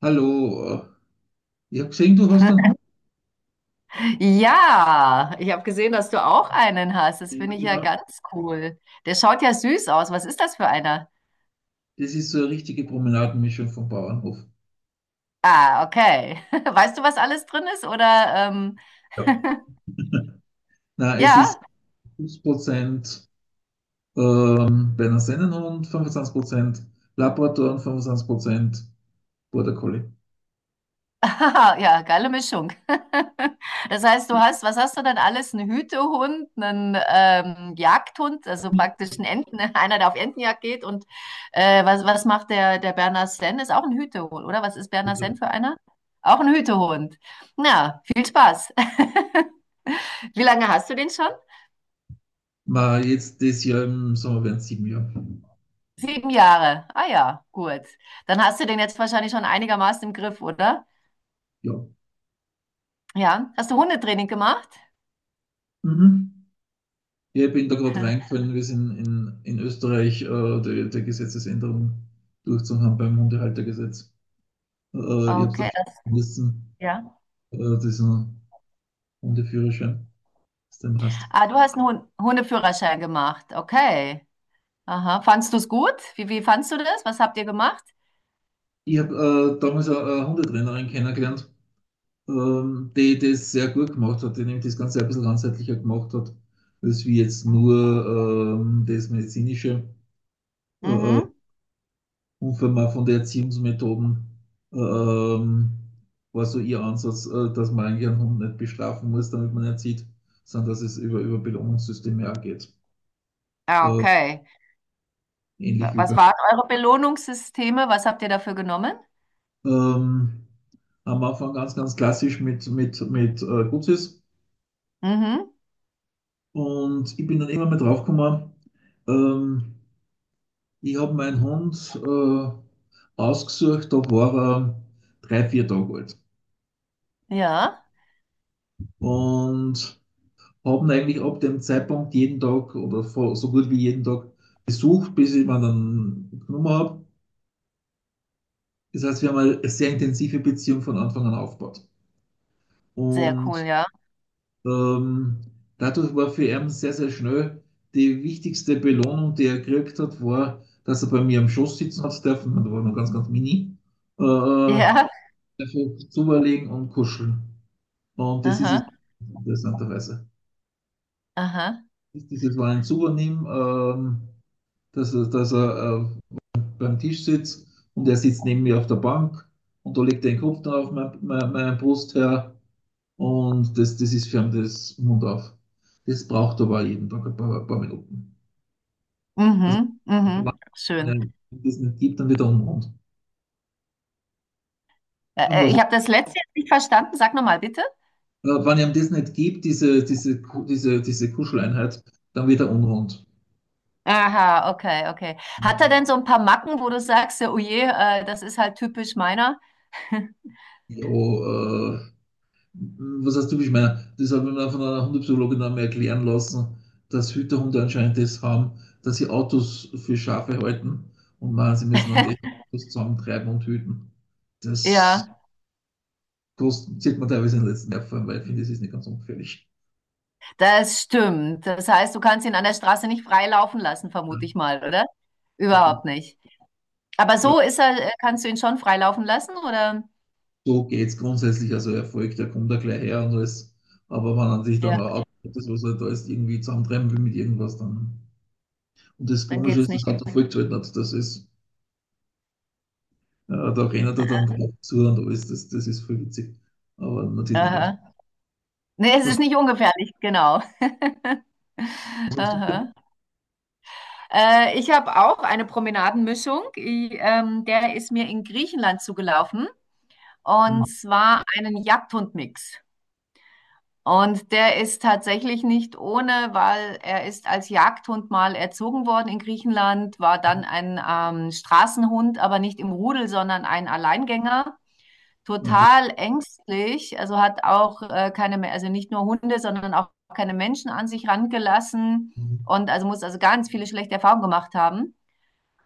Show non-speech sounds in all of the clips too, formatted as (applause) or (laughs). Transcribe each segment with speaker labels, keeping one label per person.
Speaker 1: Hallo, ich habe gesehen, du hast einen Hund.
Speaker 2: Ja, ich habe gesehen, dass du auch einen hast. Das
Speaker 1: Ja,
Speaker 2: finde ich ja
Speaker 1: genau.
Speaker 2: ganz cool. Der schaut ja süß aus. Was ist das für einer?
Speaker 1: Das ist so eine richtige Promenadenmischung vom Bauernhof.
Speaker 2: Ah, okay. (laughs) Weißt du, was alles drin ist? Oder
Speaker 1: Ja.
Speaker 2: (laughs)
Speaker 1: Na, es ist
Speaker 2: ja?
Speaker 1: 50% Berner Sennenhund, 25% Labrador und 25% Border Collie.
Speaker 2: (laughs) Aha, ja, geile Mischung. (laughs) Das heißt, du hast, was hast du dann alles? Einen Hütehund, einen Jagdhund, also
Speaker 1: Mhm.
Speaker 2: praktisch einen Enten, (laughs) einer, der auf Entenjagd geht. Und was macht der, der Berner Senn? Ist auch ein Hütehund, oder? Was ist Berner Senn
Speaker 1: Bitte.
Speaker 2: für einer? Auch ein Hütehund. Na, viel Spaß. (laughs) Wie lange hast du den schon?
Speaker 1: Ma, jetzt das Jahr im Sommer werden es sieben Jahre.
Speaker 2: Sieben Jahre. Ah ja, gut. Dann hast du den jetzt wahrscheinlich schon einigermaßen im Griff, oder?
Speaker 1: Ja.
Speaker 2: Ja. Hast du Hundetraining gemacht?
Speaker 1: Mhm. Ja, ich bin da gerade reingefallen. Wir sind in Österreich der Gesetzesänderung durchzuhaben beim Hundehaltergesetz. Äh, ich habe es dann
Speaker 2: Okay,
Speaker 1: schon
Speaker 2: das,
Speaker 1: gelesen.
Speaker 2: ja.
Speaker 1: Das ist ein Hundeführerschein, was du eben hast.
Speaker 2: Ah, du hast einen Hundeführerschein gemacht. Okay. Aha. Fandst du es gut? Wie fandst du das? Was habt ihr gemacht?
Speaker 1: Ich habe damals eine Hundetrainerin kennengelernt, die das sehr gut gemacht hat, die nämlich das Ganze ein bisschen ganzheitlicher gemacht hat, als wie jetzt nur das medizinische äh,
Speaker 2: Mhm.
Speaker 1: und von der Erziehungsmethoden ähm, war so ihr Ansatz, dass man eigentlich einen Hund nicht bestrafen muss, damit man ihn erzieht, sondern dass es über Belohnungssysteme auch geht.
Speaker 2: Ah, okay.
Speaker 1: Ähnlich wie bei
Speaker 2: Was waren eure Belohnungssysteme? Was habt ihr dafür genommen?
Speaker 1: ähm, am Anfang ganz klassisch mit Gutsis.
Speaker 2: Mhm.
Speaker 1: Und ich bin dann immer mal draufgekommen, ähm, ich habe meinen Hund ausgesucht, da war er drei, vier Tage alt.
Speaker 2: Ja.
Speaker 1: Und habe ihn eigentlich ab dem Zeitpunkt jeden Tag oder so gut wie jeden Tag besucht, bis ich ihn dann genommen habe. Das heißt, wir haben eine sehr intensive Beziehung von Anfang an aufgebaut.
Speaker 2: Sehr cool,
Speaker 1: Und
Speaker 2: ja.
Speaker 1: Ähm, dadurch war für ihn sehr schnell die wichtigste Belohnung, die er gekriegt hat, war, dass er bei mir am Schoß sitzen hat dürfen, und da war noch ganz mini, äh,
Speaker 2: (laughs) Ja.
Speaker 1: dafür zuberlegen und kuscheln. Und das ist es
Speaker 2: Aha.
Speaker 1: interessanterweise.
Speaker 2: Aha.
Speaker 1: Das ist. Dieses war ein Zubernehmen, dass er beim Tisch sitzt und er sitzt neben mir auf der Bank und da legt er den Kopf dann auf meine Brust her. Und das, das ist für fern des Mund auf. Das braucht aber jeden Tag ein paar Minuten. Also,
Speaker 2: Mhm.
Speaker 1: wenn
Speaker 2: Mhm. Schön.
Speaker 1: einem das nicht gibt, dann wird er unrund. Und was,
Speaker 2: Ich habe das letzte jetzt nicht verstanden. Sag nochmal, bitte.
Speaker 1: wenn ihm das nicht gibt, diese Kuscheleinheit, dann wird er unrund.
Speaker 2: Aha, okay, okay. Hat er denn so ein paar Macken, wo du sagst, ja, oh je, das ist halt typisch meiner? (laughs)
Speaker 1: Ja, was heißt typisch meiner? Das habe ich mir von einer Hundepsychologin einmal erklären lassen, dass Hüterhunde anscheinend das haben, dass sie Autos für Schafe halten und meinen, sie müssen dann die Autos zusammentreiben und hüten. Das.
Speaker 2: Ja.
Speaker 1: Das sieht man teilweise in den letzten Jahren, weil ich finde, das ist nicht ganz ungefährlich.
Speaker 2: Das stimmt. Das heißt, du kannst ihn an der Straße nicht frei laufen lassen, vermute ich mal, oder? Überhaupt nicht. Aber so ist er, kannst du ihn schon frei laufen lassen, oder?
Speaker 1: So geht es grundsätzlich, also Erfolg, der kommt da gleich her und alles. Aber wenn man sich dann
Speaker 2: Ja,
Speaker 1: auch das, was er da ist, irgendwie zusammentreiben will mit irgendwas, dann. Und das
Speaker 2: dann
Speaker 1: Komische
Speaker 2: geht's
Speaker 1: ist, das
Speaker 2: nicht.
Speaker 1: hat er vollgehalten hat. Das ist, da rennt er dann drauf zu und alles, das ist voll witzig. Aber natürlich nicht ganz.
Speaker 2: Aha. Nee, es
Speaker 1: Was,
Speaker 2: ist nicht ungefährlich, genau.
Speaker 1: was ist denn?
Speaker 2: Aha. Ich habe auch eine Promenadenmischung. Der ist mir in Griechenland zugelaufen. Und zwar einen Jagdhundmix. Und der ist tatsächlich nicht ohne, weil er ist als Jagdhund mal erzogen worden in Griechenland, war dann ein Straßenhund, aber nicht im Rudel, sondern ein Alleingänger.
Speaker 1: Okay.
Speaker 2: Total ängstlich, also hat auch keine, Me- also nicht nur Hunde, sondern auch keine Menschen an sich rangelassen und also muss also ganz viele schlechte Erfahrungen gemacht haben.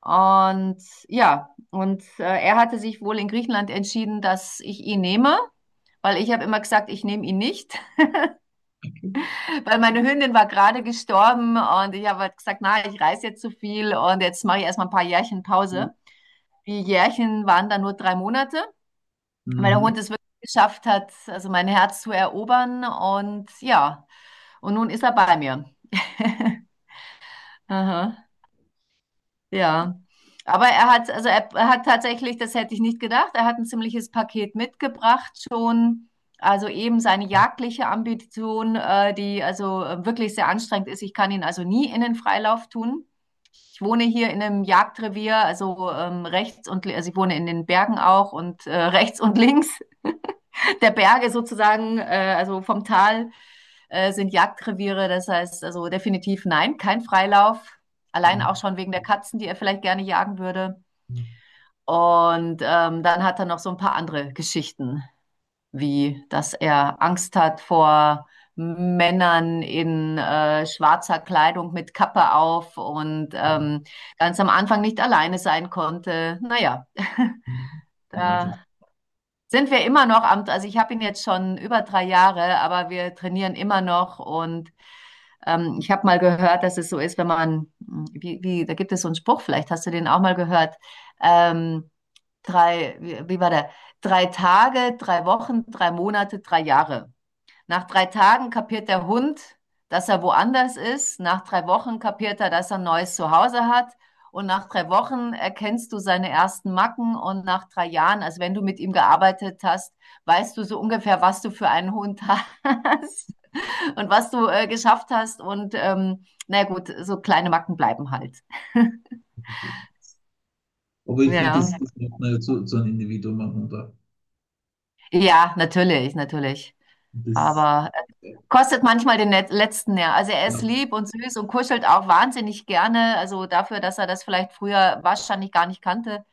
Speaker 2: Und ja, und er hatte sich wohl in Griechenland entschieden, dass ich ihn nehme, weil ich habe immer gesagt, ich nehme ihn nicht. Weil meine Hündin war gerade gestorben und ich habe halt gesagt, na, ich reise jetzt zu viel und jetzt mache ich erstmal ein paar Jährchen
Speaker 1: Mhm.
Speaker 2: Pause. Die Jährchen waren dann nur drei Monate, weil der Hund es wirklich geschafft hat, also mein Herz zu erobern und ja, und nun ist er bei mir. (laughs) Aha. Ja, aber er hat, also er hat tatsächlich, das hätte ich nicht gedacht, er hat ein ziemliches Paket mitgebracht schon. Also eben seine jagdliche Ambition, die also wirklich sehr anstrengend ist. Ich kann ihn also nie in den Freilauf tun. Ich wohne hier in einem Jagdrevier, also also ich wohne in den Bergen auch und rechts und links der Berge sozusagen, also vom Tal sind Jagdreviere. Das heißt also definitiv nein, kein Freilauf. Allein auch
Speaker 1: Mhm.
Speaker 2: schon wegen der Katzen, die er vielleicht gerne jagen würde. Und dann hat er noch so ein paar andere Geschichten, wie dass er Angst hat vor Männern in schwarzer Kleidung mit Kappe auf und ganz am Anfang nicht alleine sein konnte. Naja,
Speaker 1: Ja, das
Speaker 2: da
Speaker 1: ist.
Speaker 2: sind wir immer noch am, also ich habe ihn jetzt schon über drei Jahre, aber wir trainieren immer noch und ich habe mal gehört, dass es so ist, wenn man, da gibt es so einen Spruch, vielleicht hast du den auch mal gehört, ähm, wie war der? Drei Tage, drei Wochen, drei Monate, drei Jahre. Nach drei Tagen kapiert der Hund, dass er woanders ist. Nach drei Wochen kapiert er, dass er ein neues Zuhause hat. Und nach drei Wochen erkennst du seine ersten Macken. Und nach drei Jahren, also wenn du mit ihm gearbeitet hast, weißt du so ungefähr, was du für einen Hund hast (laughs) und was du geschafft hast. Und na gut, so kleine Macken bleiben halt. (laughs)
Speaker 1: Aber ich finde,
Speaker 2: Ja,
Speaker 1: das macht man ja zu einem Individuum an und
Speaker 2: ja, natürlich, natürlich.
Speaker 1: das,
Speaker 2: Aber kostet manchmal den letzten Nerv. Also er
Speaker 1: ja,
Speaker 2: ist lieb und süß und kuschelt auch wahnsinnig gerne. Also dafür, dass er das vielleicht früher wahrscheinlich gar nicht kannte.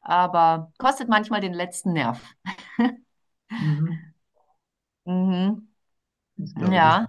Speaker 2: Aber kostet manchmal den letzten Nerv.
Speaker 1: mhm,
Speaker 2: Mhm.
Speaker 1: ich glaube, das
Speaker 2: Ja.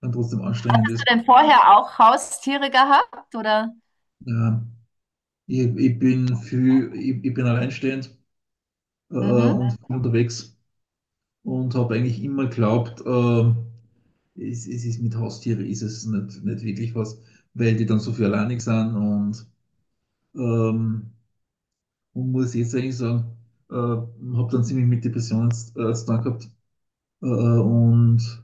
Speaker 1: kann trotzdem anstrengend
Speaker 2: Hast du
Speaker 1: ist.
Speaker 2: denn vorher auch Haustiere gehabt, oder?
Speaker 1: Äh, ich, ich bin für ich bin alleinstehend
Speaker 2: Mhm.
Speaker 1: und unterwegs und habe eigentlich immer geglaubt, es ist mit Haustieren ist es nicht wirklich was, weil die dann so viel alleinig sind ähm, und muss jetzt eigentlich sagen, habe dann ziemlich mit Depressionen zu tun gehabt und.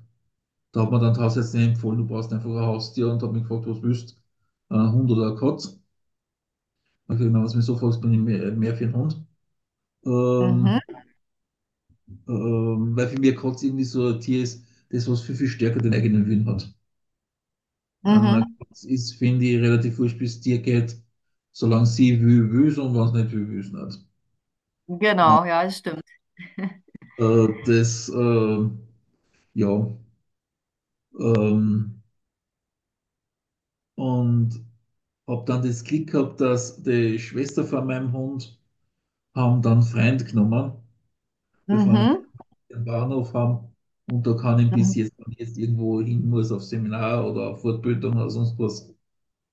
Speaker 1: Da hat mir dann tatsächlich Hausärztin empfohlen, du brauchst einfach ein Haustier und hat mich gefragt, was willst du? Ein Hund oder ein Katz? Hab ich habe gesagt, was du mich so fragst, bin ich mehr für einen Hund.
Speaker 2: Mhm.
Speaker 1: Ähm, weil für mich ein Katz irgendwie so ein Tier ist, das was viel stärker den eigenen Willen hat. Ein
Speaker 2: Mhm.
Speaker 1: Katz ist, finde ich, relativ wurscht, bis es dir geht, solange sie will, will und wenn es nicht will, will es nicht. Und,
Speaker 2: Genau, ja, das stimmt.
Speaker 1: äh, das, äh, ja, ähm, und habe dann das Glück gehabt, dass die Schwester von meinem Hund haben dann Freund genommen, befreundet
Speaker 2: Mhm.
Speaker 1: am Bahnhof haben. Und da kann ich bis
Speaker 2: Mhm.
Speaker 1: jetzt, wenn ich jetzt irgendwo hin muss, auf Seminar oder auf Fortbildung oder sonst was,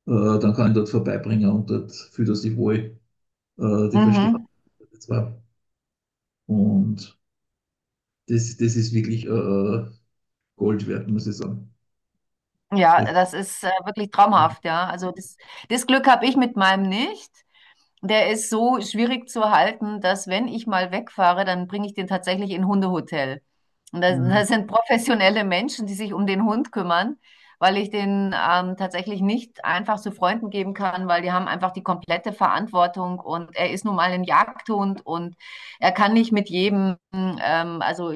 Speaker 1: dann kann ich dort vorbeibringen und dort fühlt er sich wohl. Die verstehen
Speaker 2: Mhm.
Speaker 1: das zwar. Und das, das ist wirklich Gold wert, muss ich sagen.
Speaker 2: Ja,
Speaker 1: Das,
Speaker 2: das ist wirklich traumhaft, ja. Also das, das Glück habe ich mit meinem nicht. Der ist so schwierig zu halten, dass wenn ich mal wegfahre, dann bringe ich den tatsächlich in ein Hundehotel. Und da, da sind professionelle Menschen, die sich um den Hund kümmern, weil ich den tatsächlich nicht einfach zu Freunden geben kann, weil die haben einfach die komplette Verantwortung und er ist nun mal ein Jagdhund und er kann nicht mit jedem, also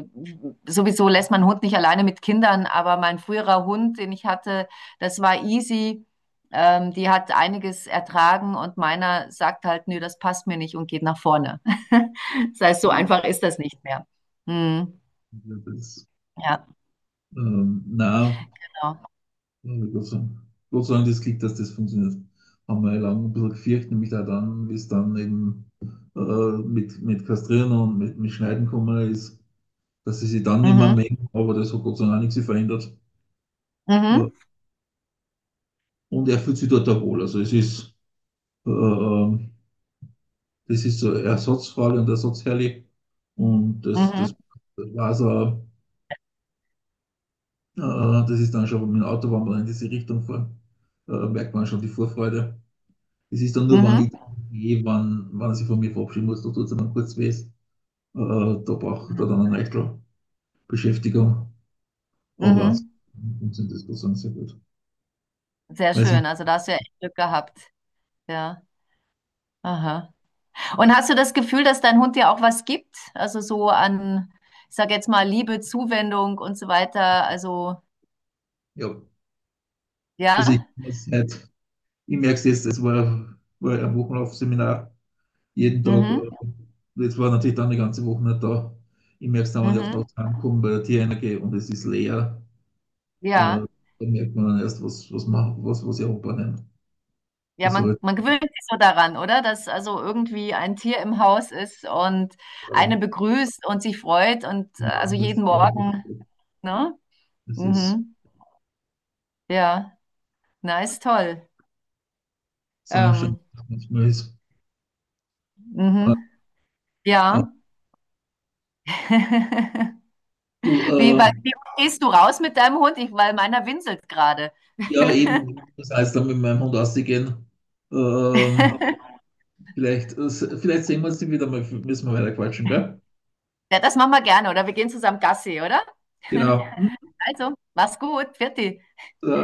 Speaker 2: sowieso lässt man einen Hund nicht alleine mit Kindern, aber mein früherer Hund, den ich hatte, das war easy. Die hat einiges ertragen und meiner sagt halt, nö, das passt mir nicht und geht nach vorne. (laughs) Das heißt, so einfach ist das nicht mehr. Mhm. Ja,
Speaker 1: ähm, na,
Speaker 2: genau.
Speaker 1: Und Gott sei Dank das Glück, dass das funktioniert. Haben wir lange ein bisschen gefürchtet, nämlich auch dann, wie es dann eben mit Kastrieren und mit Schneiden gekommen ist, dass sie sich dann nicht mehr
Speaker 2: Mhm.
Speaker 1: mengen, aber das hat Gott sei Dank auch nichts verändert. Äh,
Speaker 2: Mhm.
Speaker 1: und er fühlt sich dort auch wohl. Also es ist, äh, äh, das ist so ersatzfrei und ersatzherrlich. Und
Speaker 2: Mhm.
Speaker 1: das war's auch. Äh, das ist dann schon mit dem Auto, wenn wir in diese Richtung fahren, merkt man schon die Vorfreude. Das ist dann nur, wenn ich
Speaker 2: Mhm.
Speaker 1: dann gehe, wenn, wenn er sich von mir verabschieden muss, da tut es dann kurz weh. Da braucht
Speaker 2: Mhm.
Speaker 1: er dann eine Eichel Beschäftigung. Aber
Speaker 2: Mhm.
Speaker 1: ansonsten sind das sozusagen sehr gut.
Speaker 2: Sehr
Speaker 1: Weil sonst-
Speaker 2: schön. Also da hast du ja echt Glück gehabt. Ja. Aha. Und hast du das Gefühl, dass dein Hund dir auch was gibt? Also so an, ich sag jetzt mal, Liebe, Zuwendung und so weiter. Also,
Speaker 1: ja, also
Speaker 2: ja.
Speaker 1: ich merke es jetzt, war ein Wochenlaufseminar jeden Tag.
Speaker 2: Mhm.
Speaker 1: Jetzt war natürlich dann die ganze Woche nicht da. Ich merke es dann, wenn ich auf den
Speaker 2: Mhm.
Speaker 1: Tag heimkomme, bei der Tierheime gehe und es ist leer. Äh,
Speaker 2: Ja.
Speaker 1: da merkt man dann erst, was, was ich anbringen.
Speaker 2: Ja,
Speaker 1: Das
Speaker 2: man,
Speaker 1: halt,
Speaker 2: man gewöhnt sich so daran, oder? Dass also irgendwie ein Tier im Haus ist und
Speaker 1: ähm,
Speaker 2: eine begrüßt und sich freut und
Speaker 1: genau,
Speaker 2: also jeden Morgen, ne?
Speaker 1: das ist.
Speaker 2: Mhm. Ja, nice, toll.
Speaker 1: Sascha,
Speaker 2: Ähm,
Speaker 1: was manchmal ist. Äh,
Speaker 2: mhm.
Speaker 1: äh,
Speaker 2: Ja. (laughs)
Speaker 1: du, äh,
Speaker 2: Wie oft gehst du raus mit deinem Hund? Ich, weil meiner winselt gerade.
Speaker 1: ja, eben, das heißt, dann mit meinem Hund ausgehen. Ähm,
Speaker 2: (laughs)
Speaker 1: vielleicht, äh, vielleicht sehen wir uns wieder mal, müssen wir weiter quatschen, gell?
Speaker 2: Ja, das machen wir gerne, oder? Wir gehen zusammen Gassi, oder? (laughs)
Speaker 1: Genau.
Speaker 2: Also, mach's gut. Pfiat dich.
Speaker 1: Äh,